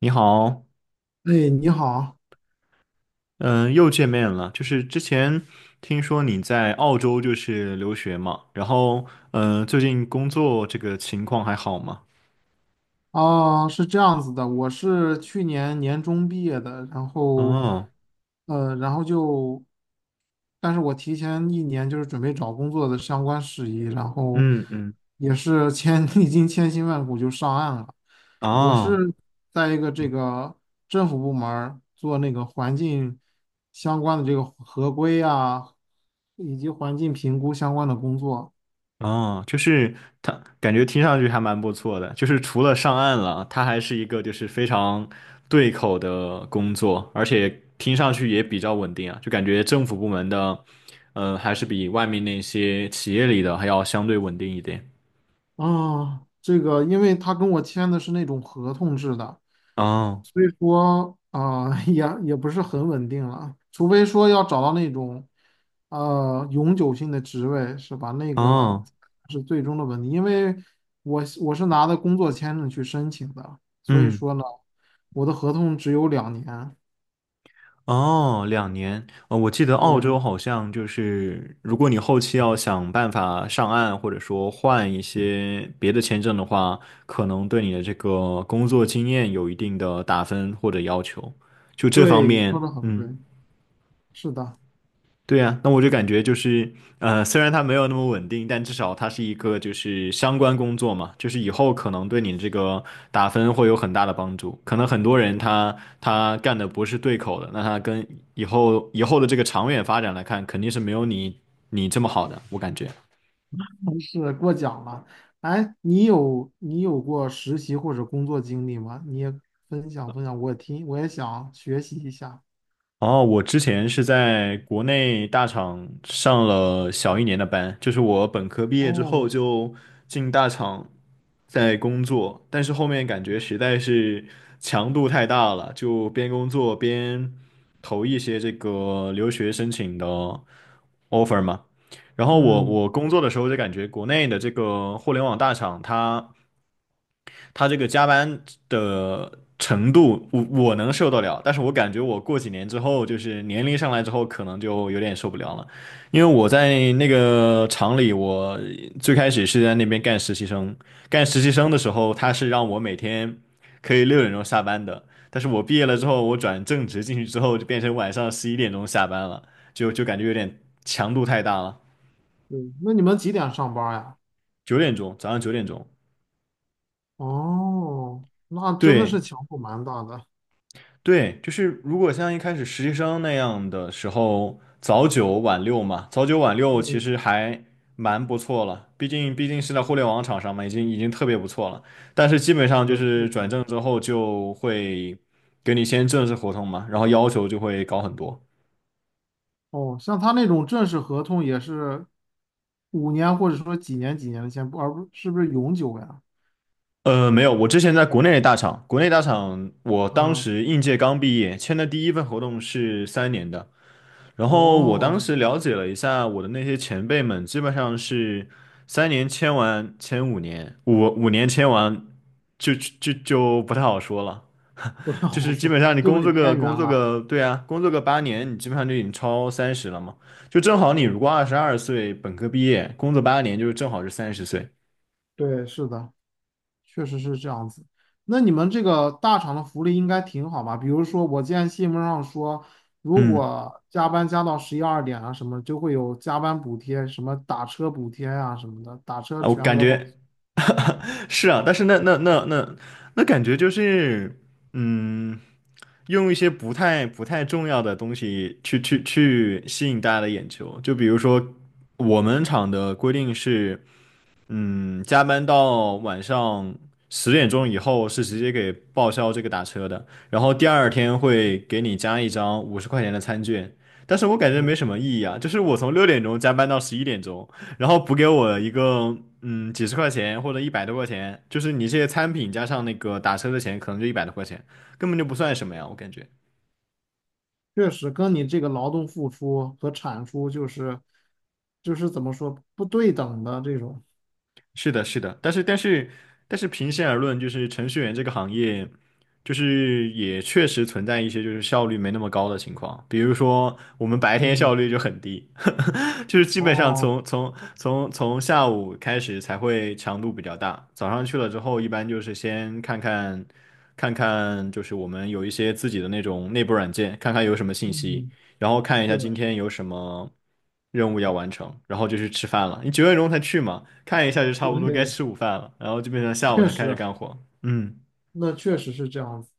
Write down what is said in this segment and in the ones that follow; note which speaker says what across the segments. Speaker 1: 你好，
Speaker 2: 哎，你好。
Speaker 1: 嗯，又见面了。就是之前听说你在澳洲就是留学嘛，然后最近工作这个情况还好吗？
Speaker 2: 是这样子的，我是去年年中毕业的，然后，
Speaker 1: 哦。
Speaker 2: 呃，然后就，但是我提前一年就是准备找工作的相关事宜，然后
Speaker 1: 嗯嗯。
Speaker 2: 也是历经千辛万苦就上岸了。我
Speaker 1: 哦
Speaker 2: 是在一个这个政府部门儿做那个环境相关的这个合规啊，以及环境评估相关的工作。
Speaker 1: 哦。就是他感觉听上去还蛮不错的，就是除了上岸了，他还是一个就是非常对口的工作，而且听上去也比较稳定啊，就感觉政府部门的，还是比外面那些企业里的还要相对稳定一点。
Speaker 2: 因为他跟我签的是那种合同制的，
Speaker 1: 哦。
Speaker 2: 所以说啊，也不是很稳定了，除非说要找到那种永久性的职位，是吧？那个
Speaker 1: 哦。
Speaker 2: 是最终的问题，因为我是拿的工作签证去申请的，所以
Speaker 1: 嗯。
Speaker 2: 说呢，我的合同只有两年。
Speaker 1: 哦，2年，我记得澳洲
Speaker 2: 对，
Speaker 1: 好像就是，如果你后期要想办法上岸，或者说换一些别的签证的话，可能对你的这个工作经验有一定的打分或者要求，就这方
Speaker 2: 对，说的
Speaker 1: 面，
Speaker 2: 很对，
Speaker 1: 嗯。
Speaker 2: 是的。
Speaker 1: 对呀，那我就感觉就是，虽然它没有那么稳定，但至少它是一个就是相关工作嘛，就是以后可能对你这个打分会有很大的帮助。可能很多人他干的不是对口的，那他跟以后的这个长远发展来看，肯定是没有你这么好的，我感觉。
Speaker 2: 是过奖了。哎，你有过实习或者工作经历吗？你也分享分享，我也想学习一下。
Speaker 1: 哦，我之前是在国内大厂上了小一年的班，就是我本科毕业之后
Speaker 2: 哦，
Speaker 1: 就进大厂在工作，但是后面感觉实在是强度太大了，就边工作边投一些这个留学申请的 offer 嘛。然后我
Speaker 2: 嗯，
Speaker 1: 我工作的时候就感觉国内的这个互联网大厂它。他这个加班的程度，我能受得了，但是我感觉我过几年之后，就是年龄上来之后，可能就有点受不了了，因为我在那个厂里，我最开始是在那边干实习生，干实习生的时候，他是让我每天可以6点钟下班的，但是我毕业了之
Speaker 2: 对。
Speaker 1: 后，我转正职进去之后，就变成晚上11点钟下班了，就感觉有点强度太大了。
Speaker 2: 对，那你们几点上班呀？
Speaker 1: 九点钟，早上9点钟。
Speaker 2: 哦，那真的是
Speaker 1: 对，
Speaker 2: 强度蛮大的。
Speaker 1: 对，就是如果像一开始实习生那样的时候，早九晚六嘛，早九晚六其
Speaker 2: 嗯，
Speaker 1: 实还蛮不错了，毕竟是在互联网厂商嘛，已经特别不错了。但是基本
Speaker 2: 是
Speaker 1: 上就
Speaker 2: 确
Speaker 1: 是
Speaker 2: 实。
Speaker 1: 转正之后就会给你签正式合同嘛，然后要求就会高很多。
Speaker 2: 哦，像他那种正式合同也是五年或者说几年几年的签，不是永久呀？
Speaker 1: 没有，我之前在国内的大厂，国内大厂我当
Speaker 2: 啊，
Speaker 1: 时应届刚毕业，签的第一份合同是3年的。然后我当
Speaker 2: 哦，
Speaker 1: 时了解了一下，我的那些前辈们基本上是3年签完，签5年，五年签完就不太好说了。
Speaker 2: 不太
Speaker 1: 就
Speaker 2: 好
Speaker 1: 是基
Speaker 2: 说，
Speaker 1: 本上你
Speaker 2: 就被
Speaker 1: 工作个
Speaker 2: 边缘
Speaker 1: 工作
Speaker 2: 了。
Speaker 1: 个，对啊，工作个8年，你基本上就已经超30了嘛。就正好你
Speaker 2: 哦，
Speaker 1: 如果22岁本科毕业，工作8年，就是正好是30岁。
Speaker 2: 对，是的。确实是这样子。那你们这个大厂的福利应该挺好吧？比如说，我见新闻上说，如
Speaker 1: 嗯。
Speaker 2: 果加班加到十一二点啊什么，就会有加班补贴，什么打车补贴啊什么的，打车
Speaker 1: 啊，我
Speaker 2: 全
Speaker 1: 感
Speaker 2: 额报
Speaker 1: 觉 是啊，但是那感觉就是，嗯，用一些不太重要的东西去吸引大家的眼球，就比如说我们厂的规定是。加班到晚上10点钟以后是直接给报销这个打车的，然后第二天会给你加一张50块钱的餐券，但是我感觉没
Speaker 2: 销。
Speaker 1: 什么意义啊，就是我从6点钟加班到11点钟，然后补给我一个几十块钱或者一百多块钱，就是你这些餐品加上那个打车的钱，可能就一百多块钱，根本就不算什么呀，我感觉。
Speaker 2: 确实跟你这个劳动付出和产出就是怎么说不对等的这种。
Speaker 1: 是的，是的，但是平心而论，就是程序员这个行业，就是也确实存在一些就是效率没那么高的情况，比如说我们白天
Speaker 2: 嗯，
Speaker 1: 效率就很低，就是基本上
Speaker 2: 哦，
Speaker 1: 从下午开始才会强度比较大，早上去了之后，一般就是先看看，就是我们有一些自己的那种内部软件，看看有什么信息，
Speaker 2: 嗯，
Speaker 1: 然后看一下
Speaker 2: 是的，
Speaker 1: 今天有什么任务要完成，然后就去吃饭了。你九点钟才去嘛，看一下就差不多该
Speaker 2: 对，
Speaker 1: 吃午饭了，然后基本上下午
Speaker 2: 确
Speaker 1: 才开始
Speaker 2: 实，
Speaker 1: 干活。嗯。
Speaker 2: 那确实是这样子。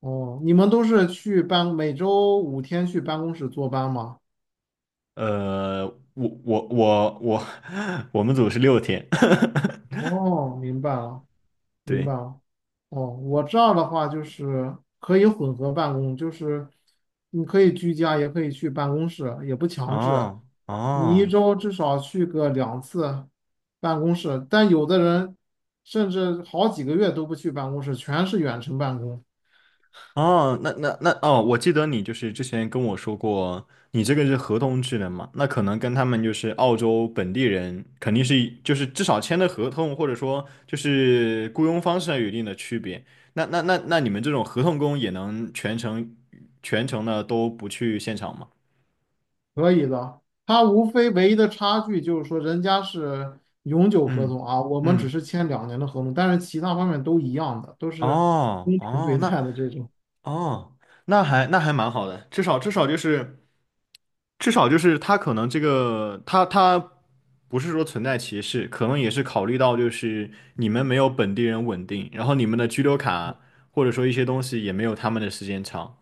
Speaker 2: 哦，你们都是去办，每周五天去办公室坐班吗？
Speaker 1: 呃，我我我我 我们组是6天。
Speaker 2: 哦，明白了，明白
Speaker 1: 对。
Speaker 2: 了。哦，我这儿的话就是可以混合办公，就是你可以居家，也可以去办公室，也不强制。
Speaker 1: 哦
Speaker 2: 你一
Speaker 1: 哦。
Speaker 2: 周至少去个两次办公室，但有的人甚至好几个月都不去办公室，全是远程办公。
Speaker 1: 哦，那那那哦，我记得你就是之前跟我说过，你这个是合同制的嘛？那可能跟他们就是澳洲本地人，肯定是就是至少签的合同，或者说就是雇佣方式上有一定的区别。那那那那你们这种合同工也能全程的都不去现场吗？
Speaker 2: 可以的，它无非唯一的差距就是说，人家是永久合
Speaker 1: 嗯
Speaker 2: 同啊，我们只
Speaker 1: 嗯。
Speaker 2: 是签两年的合同，但是其他方面都一样的，都是
Speaker 1: 哦
Speaker 2: 公平
Speaker 1: 哦。
Speaker 2: 对
Speaker 1: 那
Speaker 2: 待的这种。
Speaker 1: 哦，那还蛮好的，至少就是他可能这个他不是说存在歧视，可能也是考虑到就是你们没有本地人稳定，然后你们的居留卡 或者说一些东西也没有他们的时间长。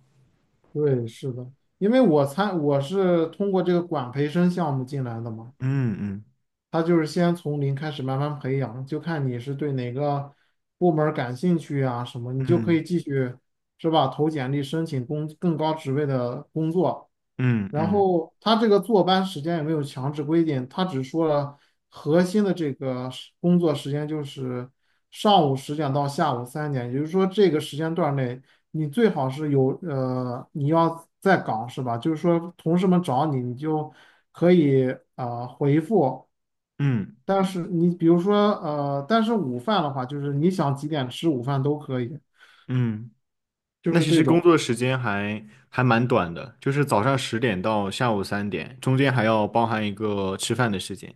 Speaker 2: 对，是的，因为我是通过这个管培生项目进来的嘛，
Speaker 1: 嗯嗯。
Speaker 2: 他就是先从零开始慢慢培养，就看你是对哪个部门儿感兴趣啊什么，你就可
Speaker 1: 嗯
Speaker 2: 以继续是吧，投简历申请工更高职位的工作。
Speaker 1: 嗯。
Speaker 2: 然
Speaker 1: 嗯
Speaker 2: 后他这个坐班时间也没有强制规定，他只说了核心的这个工作时间就是上午十点到下午三点，也就是说这个时间段内你最好是有你要在岗是吧？就是说同事们找你，你就可以回复，
Speaker 1: 嗯。
Speaker 2: 但是你比如说但是午饭的话，就是你想几点吃午饭都可以，
Speaker 1: 嗯。
Speaker 2: 就
Speaker 1: 那
Speaker 2: 是
Speaker 1: 其
Speaker 2: 这
Speaker 1: 实工
Speaker 2: 种。
Speaker 1: 作时间还还蛮短的，就是早上10点到下午3点，中间还要包含一个吃饭的时间。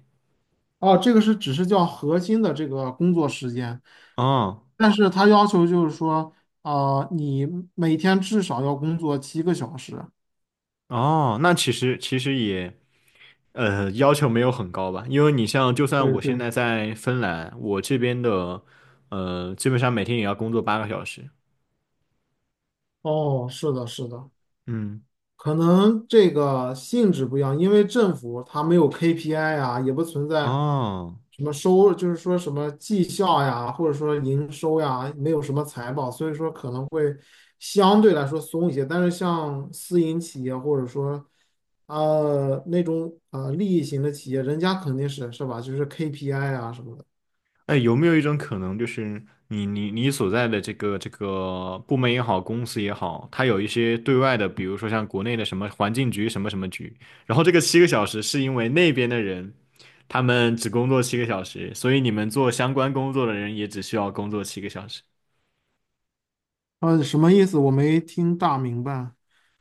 Speaker 2: 哦，这个是只是叫核心的这个工作时间，
Speaker 1: 哦
Speaker 2: 但是他要求就是说，啊、你每天至少要工作七个小时。
Speaker 1: 哦。那其实也要求没有很高吧，因为你像，就算
Speaker 2: 对，
Speaker 1: 我现
Speaker 2: 对，
Speaker 1: 在在芬兰，我这边的，基本上每天也要工作8个小时。
Speaker 2: 哦，是的，是的，
Speaker 1: 嗯。
Speaker 2: 可能这个性质不一样，因为政府它没有 KPI 啊，也不存在
Speaker 1: 哦。
Speaker 2: 什么收，就是说什么绩效呀，或者说营收呀，没有什么财报，所以说可能会相对来说松一些。但是像私营企业或者说那种利益型的企业，人家肯定是是吧，就是 KPI 啊什么的。
Speaker 1: 哎，有没有一种可能，就是你所在的这个部门也好，公司也好，它有一些对外的，比如说像国内的什么环境局什么什么局，然后这个七个小时是因为那边的人他们只工作7个小时，所以你们做相关工作的人也只需要工作七个小时。
Speaker 2: 呃，什么意思？我没听大明白。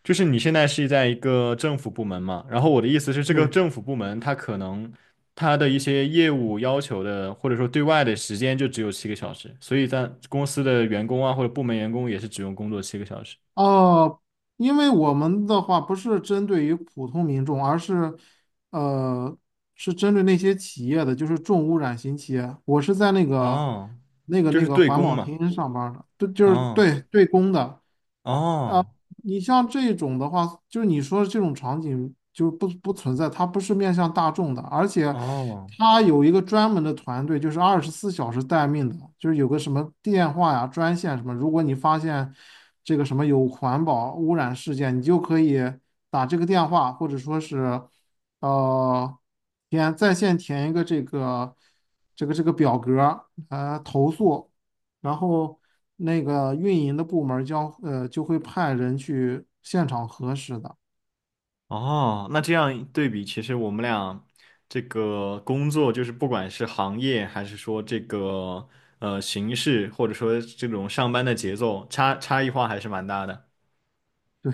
Speaker 1: 就是你现在是在一个政府部门嘛，然后我的意思是，这个
Speaker 2: 对，
Speaker 1: 政府部门它可能它的一些业务要求的，或者说对外的时间就只有7个小时，所以在公司的员工啊或者部门员工也是只用工作七个小时。
Speaker 2: 哦，因为我们的话不是针对于普通民众，而是，呃，是针对那些企业的，就是重污染型企业。我是在
Speaker 1: 哦，就
Speaker 2: 那
Speaker 1: 是
Speaker 2: 个
Speaker 1: 对
Speaker 2: 环
Speaker 1: 公
Speaker 2: 保
Speaker 1: 嘛。
Speaker 2: 厅上班儿的，对，就是
Speaker 1: 哦
Speaker 2: 对对公的。
Speaker 1: 哦。
Speaker 2: 你像这种的话，就是你说的这种场景就不存在，它不是面向大众的，而且
Speaker 1: 哦。
Speaker 2: 它有一个专门的团队，就是二十四小时待命的，就是有个什么电话呀、专线什么，如果你发现这个什么有环保污染事件，你就可以打这个电话，或者说是呃填在线填一个这个这个表格投诉。然后那个运营的部门儿将就会派人去现场核实的。
Speaker 1: 哦，那这样对比，其实我们俩这个工作，就是不管是行业，还是说这个形式，或者说这种上班的节奏，差异化还是蛮大的。
Speaker 2: 对，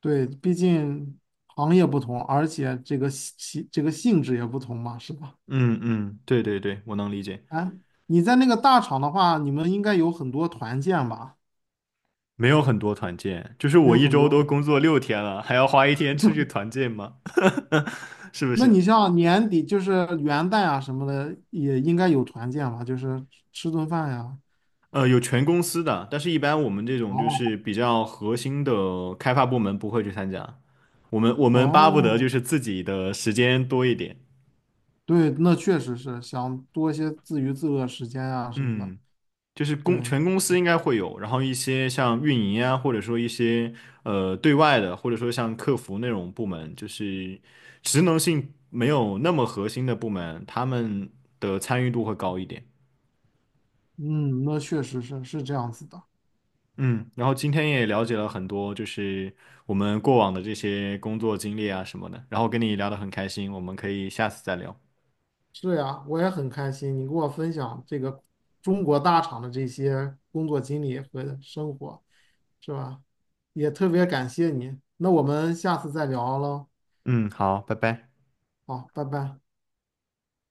Speaker 2: 对，毕竟行业不同，而且这个性质也不同嘛，是吧？
Speaker 1: 嗯嗯。对对对，我能理解。
Speaker 2: 哎，你在那个大厂的话，你们应该有很多团建吧？
Speaker 1: 没有很多团建，就是
Speaker 2: 没
Speaker 1: 我
Speaker 2: 有
Speaker 1: 一
Speaker 2: 很
Speaker 1: 周都
Speaker 2: 多。
Speaker 1: 工作6天了，还要花一天出去团建吗？是不
Speaker 2: 那
Speaker 1: 是？
Speaker 2: 你像年底就是元旦啊什么的，也应该有团建吧？就是吃顿饭呀。
Speaker 1: 有全公司的，但是一般我们这种就
Speaker 2: 哦，
Speaker 1: 是比较核心的开发部门不会去参加，我们巴不得就
Speaker 2: 哦，
Speaker 1: 是自己的时间多一点。
Speaker 2: 对，那确实是想多一些自娱自乐时间啊什么的。
Speaker 1: 嗯。就是
Speaker 2: 对，
Speaker 1: 全公司应该会有，然后一些像运营啊，或者说一些对外的，或者说像客服那种部门，就是职能性没有那么核心的部门，他们的参与度会高一点。
Speaker 2: 嗯，那确实是是这样子的。
Speaker 1: 嗯，然后今天也了解了很多，就是我们过往的这些工作经历啊什么的，然后跟你聊得很开心，我们可以下次再聊。
Speaker 2: 是呀，我也很开心你给我分享这个中国大厂的这些工作经历和生活，是吧？也特别感谢你。那我们下次再聊喽。
Speaker 1: 嗯，好，拜拜。
Speaker 2: 好，拜拜。